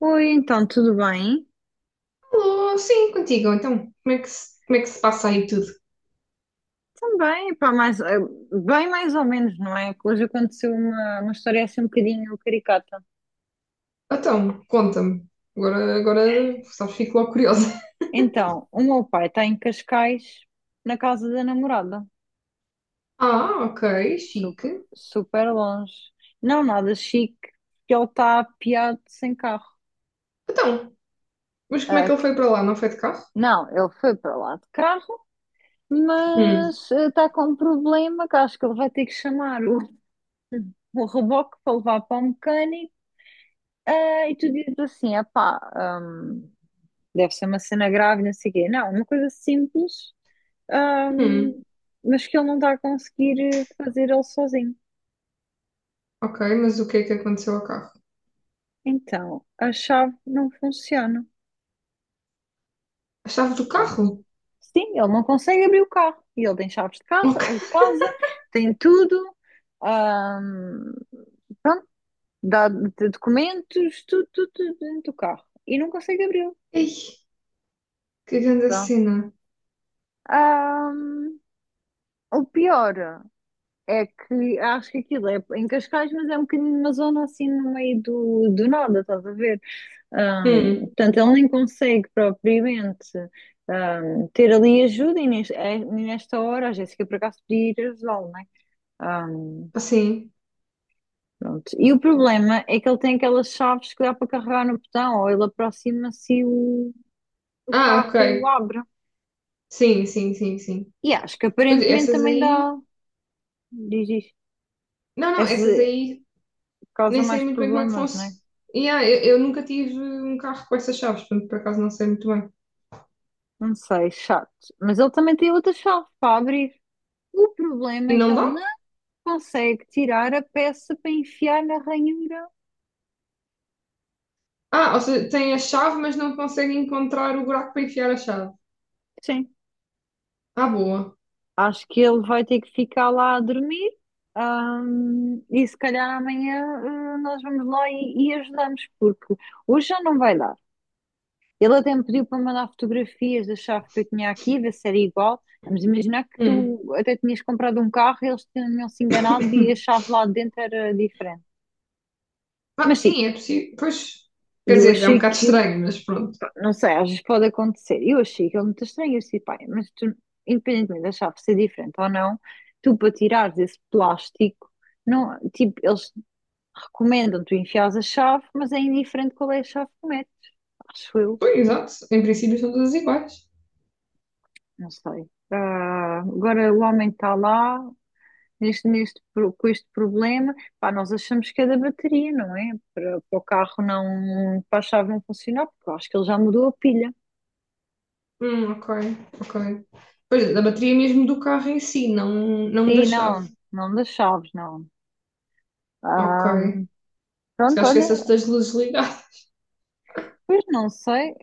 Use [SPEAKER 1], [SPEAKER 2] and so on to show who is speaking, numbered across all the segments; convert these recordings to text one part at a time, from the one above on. [SPEAKER 1] Oi, então, tudo bem?
[SPEAKER 2] Alô, sim, contigo. Então, como é que se passa aí tudo?
[SPEAKER 1] Também, pá, mais, bem mais ou menos, não é? Que hoje aconteceu uma história assim um bocadinho caricata.
[SPEAKER 2] Então, conta-me. Agora, sabes, fico logo curiosa.
[SPEAKER 1] Então, o meu pai está em Cascais, na casa da namorada.
[SPEAKER 2] Ah, ok, chique.
[SPEAKER 1] Super, super longe. Não nada chique, porque ele está apeado sem carro.
[SPEAKER 2] Então, mas como é
[SPEAKER 1] Ah,
[SPEAKER 2] que ele foi para lá? Não foi de carro?
[SPEAKER 1] não, ele foi para lá de carro,
[SPEAKER 2] Hum,
[SPEAKER 1] mas está com um problema que acho que ele vai ter que chamar o reboque para levar para o mecânico. Ah, e tu dizes assim, ah pá, deve ser uma cena grave, não sei o quê. Não, uma coisa simples,
[SPEAKER 2] hum,
[SPEAKER 1] hum, mas que ele não está a conseguir fazer ele sozinho.
[SPEAKER 2] ok, mas o que é que aconteceu ao carro?
[SPEAKER 1] Então, a chave não funciona.
[SPEAKER 2] A chave do
[SPEAKER 1] Pronto.
[SPEAKER 2] carro?
[SPEAKER 1] Sim, ele não consegue abrir o carro. E ele tem chaves de carro,
[SPEAKER 2] Ok.
[SPEAKER 1] de casa, tem tudo, hum, pronto, documentos, tudo, tudo, tudo dentro do carro. E não consegue abri-lo.
[SPEAKER 2] Ei, que grande
[SPEAKER 1] Pronto.
[SPEAKER 2] cena.
[SPEAKER 1] Hum, o pior. É que acho que aquilo é em Cascais, mas é um bocadinho uma zona assim no meio do nada, estás a ver?
[SPEAKER 2] Hum,
[SPEAKER 1] Portanto, ele nem consegue propriamente ter ali ajuda e nesta hora a Jéssica por acaso podia ir ajudá-lo, não é? Ahm,
[SPEAKER 2] assim.
[SPEAKER 1] Pronto. E o problema é que ele tem aquelas chaves que dá para carregar no botão, ou ele aproxima-se e o
[SPEAKER 2] Ah, ok.
[SPEAKER 1] carro abre.
[SPEAKER 2] Sim, sim, sim, sim.
[SPEAKER 1] E acho que
[SPEAKER 2] Mas
[SPEAKER 1] aparentemente
[SPEAKER 2] essas
[SPEAKER 1] também dá,
[SPEAKER 2] aí.
[SPEAKER 1] diz isto,
[SPEAKER 2] Não, não,
[SPEAKER 1] essa
[SPEAKER 2] essas aí
[SPEAKER 1] causa
[SPEAKER 2] nem sei
[SPEAKER 1] mais
[SPEAKER 2] muito bem como é que
[SPEAKER 1] problemas, não
[SPEAKER 2] funciona.
[SPEAKER 1] é?
[SPEAKER 2] Yeah, eu nunca tive um carro com essas chaves, portanto, por acaso não sei muito bem.
[SPEAKER 1] Não sei, chato. Mas ele também tem outra chave para abrir. O problema
[SPEAKER 2] E
[SPEAKER 1] é que
[SPEAKER 2] não
[SPEAKER 1] ele não
[SPEAKER 2] dá?
[SPEAKER 1] consegue tirar a peça para enfiar na ranhura.
[SPEAKER 2] Ah, ou seja, tem a chave, mas não consegue encontrar o buraco para enfiar a chave.
[SPEAKER 1] Sim.
[SPEAKER 2] Ah, boa.
[SPEAKER 1] Acho que ele vai ter que ficar lá a dormir. E se calhar amanhã, nós vamos lá e ajudamos, porque hoje já não vai dar. Ele até me pediu para mandar fotografias da chave que eu tinha aqui, ver se era igual. Vamos imaginar que
[SPEAKER 2] Hum.
[SPEAKER 1] tu até tinhas comprado um carro, e eles tinham se enganado e a chave lá de dentro era diferente.
[SPEAKER 2] Ah,
[SPEAKER 1] Mas sim,
[SPEAKER 2] sim, é possível. Pois, quer
[SPEAKER 1] e eu
[SPEAKER 2] dizer, é um
[SPEAKER 1] achei
[SPEAKER 2] bocado
[SPEAKER 1] aquilo,
[SPEAKER 2] estranho, mas pronto.
[SPEAKER 1] pá, não sei, às vezes pode acontecer. Eu achei aquilo muito estranho. Eu disse, pá, mas tu, independentemente de achar ser diferente ou não, tu para tirares esse plástico, não, tipo, eles recomendam tu enfiares a chave, mas é indiferente qual é a chave que metes, acho eu,
[SPEAKER 2] Pois, exato. Em princípio são todas iguais.
[SPEAKER 1] não sei. Ah, agora o homem está lá, com este problema, pá, nós achamos que é da bateria, não é? Para, para o carro não, para a chave não funcionar, porque eu acho que ele já mudou a pilha.
[SPEAKER 2] Ok, ok. Pois, da bateria mesmo do carro em si, não, não da
[SPEAKER 1] Sim,
[SPEAKER 2] chave.
[SPEAKER 1] não, não das chaves, não.
[SPEAKER 2] Ok.
[SPEAKER 1] Ahm,
[SPEAKER 2] Se
[SPEAKER 1] Pronto,
[SPEAKER 2] calhar
[SPEAKER 1] olha,
[SPEAKER 2] esquecesse das luzes ligadas.
[SPEAKER 1] pois não sei.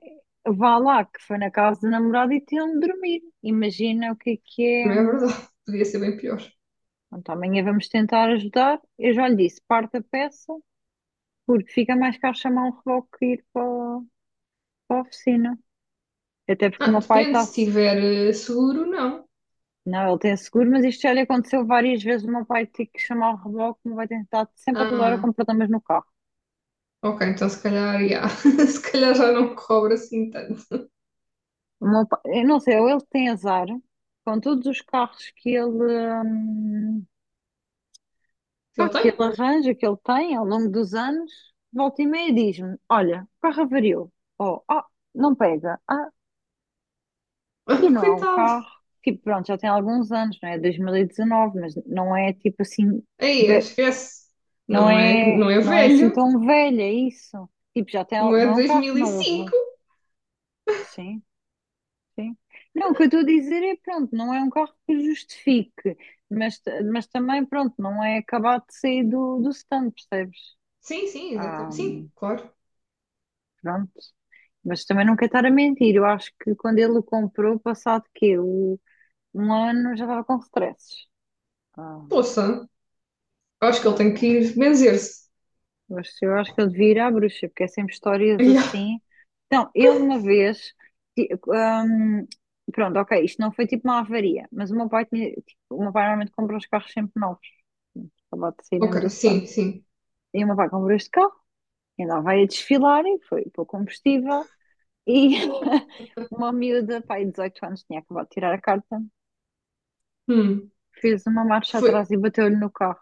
[SPEAKER 1] Vá lá, que foi na casa do namorado e tinham de dormir. Imagina o que é que é.
[SPEAKER 2] Também é verdade. Podia ser bem pior.
[SPEAKER 1] Pronto, amanhã vamos tentar ajudar. Eu já lhe disse, parte a peça, porque fica mais caro chamar um reboque que ir para, para a oficina. Até porque o
[SPEAKER 2] Ah,
[SPEAKER 1] meu pai
[SPEAKER 2] depende,
[SPEAKER 1] está.
[SPEAKER 2] se tiver seguro, não.
[SPEAKER 1] Não, ele tem seguro, mas isto já lhe aconteceu várias vezes. O meu pai tem que chamar o reboque, o meu pai tem estado sempre a toda hora
[SPEAKER 2] Ah,
[SPEAKER 1] com problemas no carro.
[SPEAKER 2] ok, então se calhar, já. Se calhar já não cobra assim tanto.
[SPEAKER 1] Eu não sei, ou ele tem azar com todos os carros que ele. hum, Pá,
[SPEAKER 2] Ele
[SPEAKER 1] aquele
[SPEAKER 2] tem?
[SPEAKER 1] arranjo que ele tem ao longo dos anos, volta e meia diz-me: Olha, o carro avariou. Ou, ah, não pega. Ah, e não há um
[SPEAKER 2] Coitado.
[SPEAKER 1] carro. Tipo, pronto, já tem alguns anos, não é? 2019, mas não é tipo assim,
[SPEAKER 2] Aí,
[SPEAKER 1] tipo, é-
[SPEAKER 2] esquece.
[SPEAKER 1] não
[SPEAKER 2] Não é,
[SPEAKER 1] é,
[SPEAKER 2] não é
[SPEAKER 1] não é assim
[SPEAKER 2] velho,
[SPEAKER 1] tão velha isso. Tipo, já tem,
[SPEAKER 2] não é
[SPEAKER 1] não
[SPEAKER 2] de
[SPEAKER 1] é um carro
[SPEAKER 2] 2005.
[SPEAKER 1] novo. Sim, sim. Não, o que eu estou a dizer é, pronto, não é um carro que justifique, mas, mas também, pronto, não é acabado de sair do stand, percebes?
[SPEAKER 2] Sim, sim,
[SPEAKER 1] Ah,
[SPEAKER 2] exatamente. Sim, claro.
[SPEAKER 1] pronto. Mas também não quero estar a mentir. Eu acho que quando ele o comprou, passado quê? Um ano já estava com stresses. Ah,
[SPEAKER 2] Poça, acho que ele tem que
[SPEAKER 1] tá.
[SPEAKER 2] ir benzer-se.
[SPEAKER 1] Mas eu acho que ele devia ir à bruxa, porque é sempre histórias
[SPEAKER 2] Ya.
[SPEAKER 1] assim. Então, ele uma vez. ti- hum, Pronto, ok, isto não foi tipo uma avaria, mas o meu pai tinha. Tipo, o meu pai normalmente compra os carros sempre novos. Acabava de sair
[SPEAKER 2] Ok,
[SPEAKER 1] mesmo do stand.
[SPEAKER 2] sim, sim.
[SPEAKER 1] E o meu pai comprou este carro, e andava aí a desfilar e foi para o combustível. E uma miúda, pai, de 18 anos, tinha acabado de tirar a carta.
[SPEAKER 2] Hum,
[SPEAKER 1] Fez uma marcha
[SPEAKER 2] foi.
[SPEAKER 1] atrás e bateu-lhe no carro.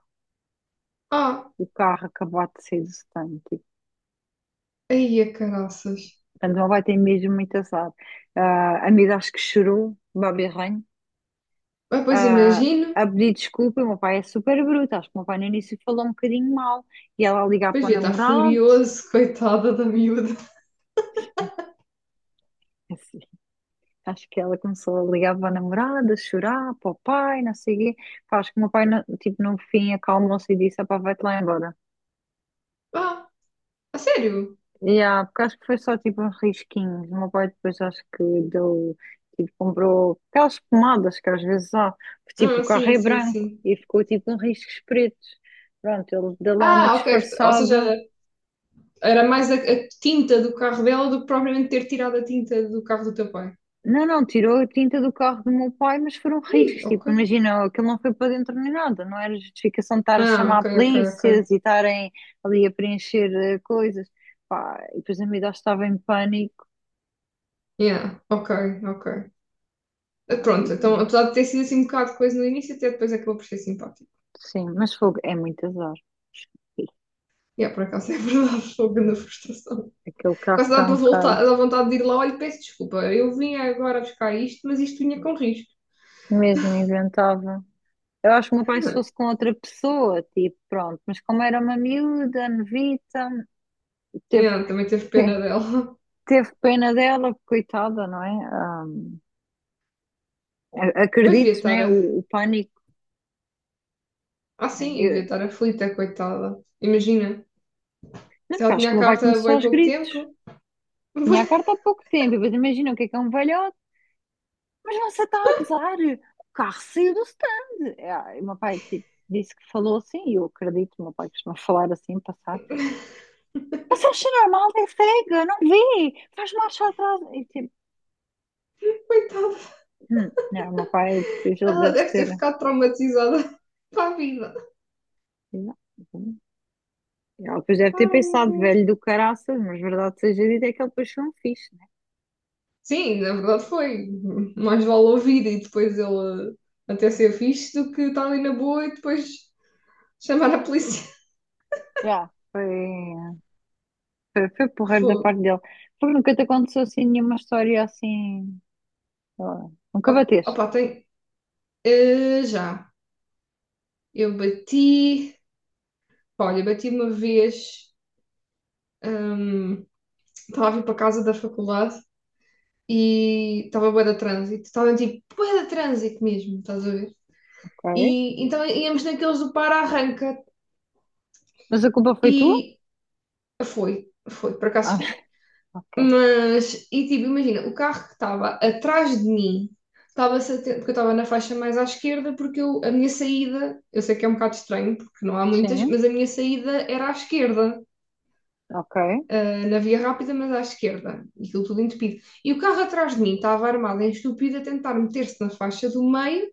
[SPEAKER 2] Ah,
[SPEAKER 1] O carro acabou de sair do stand. Tipo.
[SPEAKER 2] aí a caraças.
[SPEAKER 1] Portanto, ela vai ter mesmo muito azar. Ah, a amiga acho que chorou, Babi Ranho,
[SPEAKER 2] Ah, pois
[SPEAKER 1] ah,
[SPEAKER 2] imagino.
[SPEAKER 1] a pedir desculpa. O meu pai é super bruto. Acho que o meu pai no início falou um bocadinho mal. E ela a ligar
[SPEAKER 2] Pois
[SPEAKER 1] para o
[SPEAKER 2] devia estar
[SPEAKER 1] namorado.
[SPEAKER 2] furioso, coitada da miúda.
[SPEAKER 1] É assim, acho que ela começou a ligar para o namorado, a chorar, para o pai, não sei o quê. Pá, acho que o meu pai, no, tipo, no fim, acalmou-se e disse: "Ah, pá, vai-te lá embora.
[SPEAKER 2] Ah, a sério?
[SPEAKER 1] Yeah, porque acho que foi só tipo uns risquinhos. O meu pai depois acho que deu, tipo, comprou aquelas pomadas que às vezes há, que tipo o
[SPEAKER 2] Ah,
[SPEAKER 1] carro
[SPEAKER 2] sim,
[SPEAKER 1] é
[SPEAKER 2] sim,
[SPEAKER 1] branco
[SPEAKER 2] sim.
[SPEAKER 1] e ficou tipo uns riscos pretos. Pronto, ele deu lá uma
[SPEAKER 2] Ah, ok. Ou seja,
[SPEAKER 1] disfarçada.
[SPEAKER 2] era mais a tinta do carro dela do que propriamente ter tirado a tinta do carro do teu pai.
[SPEAKER 1] Não, não, tirou a tinta do carro do meu pai, mas foram
[SPEAKER 2] Ih,
[SPEAKER 1] riscos.
[SPEAKER 2] ok.
[SPEAKER 1] Tipo, imagina, aquilo não foi para dentro nem nada. Não era justificação de estar a
[SPEAKER 2] Ah,
[SPEAKER 1] chamar
[SPEAKER 2] ok, ok,
[SPEAKER 1] polícias
[SPEAKER 2] ok.
[SPEAKER 1] e estarem ali a preencher coisas. Pá, e depois a miúda estava em pânico.
[SPEAKER 2] Yeah, ok, ok.
[SPEAKER 1] Ah,
[SPEAKER 2] Pronto, então, apesar de ter sido assim um bocado de coisa no início, até depois acabou por ser simpático.
[SPEAKER 1] sim, mas fogo, é muito azar.
[SPEAKER 2] Yeah, por acaso é verdade, foi uma grande frustração.
[SPEAKER 1] Aquele carro
[SPEAKER 2] Quase dá
[SPEAKER 1] está
[SPEAKER 2] para
[SPEAKER 1] um bocado
[SPEAKER 2] voltar, dá vontade de ir lá, olha, peço desculpa, eu vim agora buscar isto, mas isto vinha com risco.
[SPEAKER 1] mesmo inventável. Eu acho que o meu pai, se fosse com outra pessoa, tipo, pronto, mas como era uma miúda, novita, teve,
[SPEAKER 2] Yeah, também teve
[SPEAKER 1] te-
[SPEAKER 2] pena dela.
[SPEAKER 1] teve pena dela, coitada, não é?
[SPEAKER 2] Pois devia
[SPEAKER 1] Acredito,
[SPEAKER 2] estar
[SPEAKER 1] né?
[SPEAKER 2] a...
[SPEAKER 1] O pânico.
[SPEAKER 2] Ah,
[SPEAKER 1] Né?
[SPEAKER 2] sim, devia estar aflita, coitada. Imagina.
[SPEAKER 1] Não,
[SPEAKER 2] Se
[SPEAKER 1] porque
[SPEAKER 2] ela
[SPEAKER 1] acho
[SPEAKER 2] tinha
[SPEAKER 1] que o
[SPEAKER 2] a
[SPEAKER 1] meu pai
[SPEAKER 2] carta há
[SPEAKER 1] começou
[SPEAKER 2] bem
[SPEAKER 1] aos
[SPEAKER 2] pouco
[SPEAKER 1] gritos.
[SPEAKER 2] tempo,
[SPEAKER 1] Tinha a carta há pouco tempo, e depois imagina o que é um velhote, mas você está a gozar, o carro saiu do stand. Ah, e o meu pai, tipo, disse que falou assim, e eu acredito, o meu pai costuma falar assim, passado. Você achou normal ter cega? Não vi. Faz marcha atrás. E tipo,
[SPEAKER 2] coitada,
[SPEAKER 1] não, o meu pai, depois ele
[SPEAKER 2] ela
[SPEAKER 1] deve
[SPEAKER 2] deve ter
[SPEAKER 1] ter.
[SPEAKER 2] ficado traumatizada para a vida.
[SPEAKER 1] Não, não. Ele depois deve ter
[SPEAKER 2] Ai, meu
[SPEAKER 1] pensado,
[SPEAKER 2] Deus.
[SPEAKER 1] velho do caraças, mas verdade seja dita, é que ele depois foi um fixe, né?
[SPEAKER 2] Sim, na verdade foi. Mais vale ouvir e depois ele até ser fixe do que estar ali na boa e depois chamar a polícia.
[SPEAKER 1] Já. Foi porreiro da
[SPEAKER 2] Fogo.
[SPEAKER 1] parte dele. Porque nunca te aconteceu assim nenhuma história assim. Sei lá. Nunca bateste,
[SPEAKER 2] Opa, tem. Eh, já. Eu bati. Olha, bati uma vez. hum, Estava a vir para casa da faculdade e estava bué de trânsito. Estava tipo bué de trânsito mesmo, estás a ver?
[SPEAKER 1] ok?
[SPEAKER 2] E então íamos naqueles do para-arranca
[SPEAKER 1] Mas a culpa foi tua?
[SPEAKER 2] e foi, foi, por acaso
[SPEAKER 1] Ah,
[SPEAKER 2] foi.
[SPEAKER 1] ok.
[SPEAKER 2] Mas, e tipo, imagina, o carro que estava atrás de mim, porque eu estava na faixa mais à esquerda, porque eu, a minha saída, eu sei que é um bocado estranho, porque não há muitas,
[SPEAKER 1] Sim,
[SPEAKER 2] mas a minha saída era à esquerda,
[SPEAKER 1] ok,
[SPEAKER 2] ah, na via rápida, mas à esquerda, e aquilo tudo entupido. E o carro atrás de mim estava armado em estúpido a tentar meter-se na faixa do meio,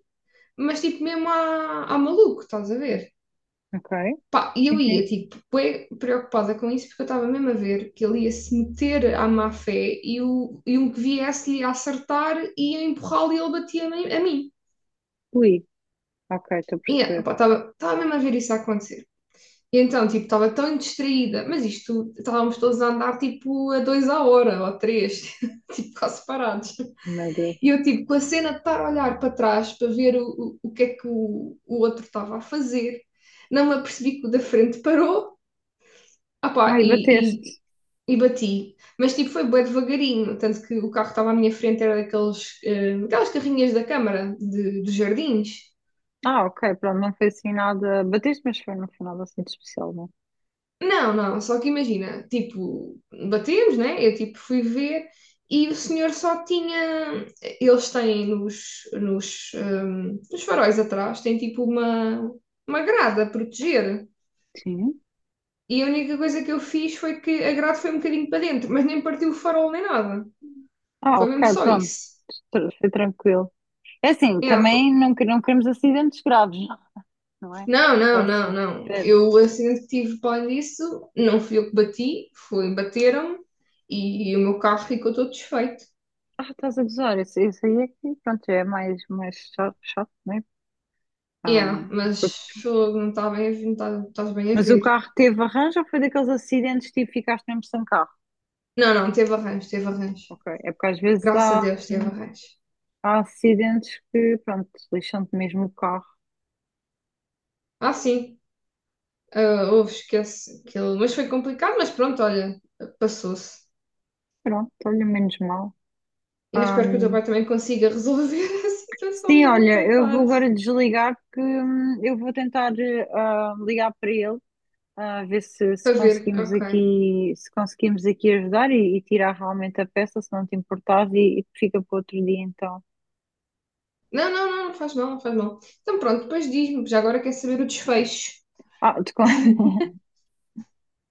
[SPEAKER 2] mas tipo mesmo à, à maluco, estás a ver?
[SPEAKER 1] ok.
[SPEAKER 2] Pá, e
[SPEAKER 1] Sim,
[SPEAKER 2] eu ia,
[SPEAKER 1] sim.
[SPEAKER 2] tipo, bué preocupada com isso, porque eu estava mesmo a ver que ele ia se meter à má fé e, o, e um que viesse-lhe a acertar ia empurrá-lo e ele batia-me a mim.
[SPEAKER 1] Ui, ok, estou a
[SPEAKER 2] E
[SPEAKER 1] perceber.
[SPEAKER 2] estava mesmo a ver isso a acontecer. E então, tipo, estava tão distraída, mas isto, estávamos todos a andar, tipo, a dois à hora, ou a três, tipo, quase parados.
[SPEAKER 1] Meu Deus.
[SPEAKER 2] E eu, tipo, com a cena de estar a olhar para trás para ver o que é que o outro estava a fazer, não me apercebi que o da frente parou. Ah pá,
[SPEAKER 1] Ai, bateste.
[SPEAKER 2] e, e bati. Mas tipo, foi bem devagarinho. Tanto que o carro que estava à minha frente era daqueles, aquelas carrinhas da Câmara de, dos Jardins.
[SPEAKER 1] Ah, ok, pronto, não foi assim nada. Batiste, mas foi no final assim de especial, não?
[SPEAKER 2] Não, não, só que imagina, tipo, batemos, né? Eu tipo fui ver e o senhor só tinha. Eles têm nos, nos, nos faróis atrás, têm tipo uma grade a proteger.
[SPEAKER 1] Sim.
[SPEAKER 2] E a única coisa que eu fiz foi que a grade foi um bocadinho para dentro, mas nem partiu o farol nem nada.
[SPEAKER 1] Ah,
[SPEAKER 2] Foi
[SPEAKER 1] ok,
[SPEAKER 2] mesmo só
[SPEAKER 1] pronto.
[SPEAKER 2] isso.
[SPEAKER 1] Foi tranquilo. É assim,
[SPEAKER 2] É.
[SPEAKER 1] também não, não queremos acidentes graves, não, não é?
[SPEAKER 2] Não, não, não,
[SPEAKER 1] Próximo.
[SPEAKER 2] não.
[SPEAKER 1] É-
[SPEAKER 2] Eu, assim, o acidente que tive para além disso, não fui eu que bati, foi, bateram-me e o meu carro ficou todo desfeito.
[SPEAKER 1] Ah, estás a gozar, isso aí é que, pronto, já é mais, mais chato, chato, não é? Ah,
[SPEAKER 2] Yeah, mas
[SPEAKER 1] porque-
[SPEAKER 2] fogo, não está bem a ver, não estás bem a
[SPEAKER 1] mas o
[SPEAKER 2] ver.
[SPEAKER 1] carro teve arranjo ou foi daqueles acidentes tipo ficaste mesmo sem carro?
[SPEAKER 2] Não, não, teve arranjo, teve arranjo.
[SPEAKER 1] Ok, é porque às vezes
[SPEAKER 2] Graças a Deus teve arranjo.
[SPEAKER 1] há acidentes que, pronto, lixam-te mesmo o carro.
[SPEAKER 2] Ah, sim, ah, houve, esquece. Aquilo. Mas foi complicado, mas pronto, olha, passou-se.
[SPEAKER 1] Pronto, olha, menos mal.
[SPEAKER 2] E eu
[SPEAKER 1] Ah,
[SPEAKER 2] espero que o teu pai também consiga resolver a situação
[SPEAKER 1] sim,
[SPEAKER 2] dele,
[SPEAKER 1] olha, eu vou
[SPEAKER 2] coitado.
[SPEAKER 1] agora desligar que eu vou tentar ligar para ele, a ver se
[SPEAKER 2] Para ver,
[SPEAKER 1] conseguimos
[SPEAKER 2] ok.
[SPEAKER 1] aqui, se conseguimos aqui ajudar e tirar realmente a peça, se não te importares, e fica para outro dia então.
[SPEAKER 2] Não, não, não, não faz mal, não faz mal. Então pronto, depois diz-me, já agora quero saber o desfecho.
[SPEAKER 1] Ah,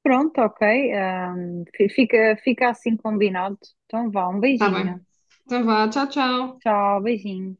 [SPEAKER 1] pronto, ok. Fica assim combinado. Então vá, um
[SPEAKER 2] Tá bem.
[SPEAKER 1] beijinho.
[SPEAKER 2] Então vá, tchau, tchau.
[SPEAKER 1] Tchau, beijinho.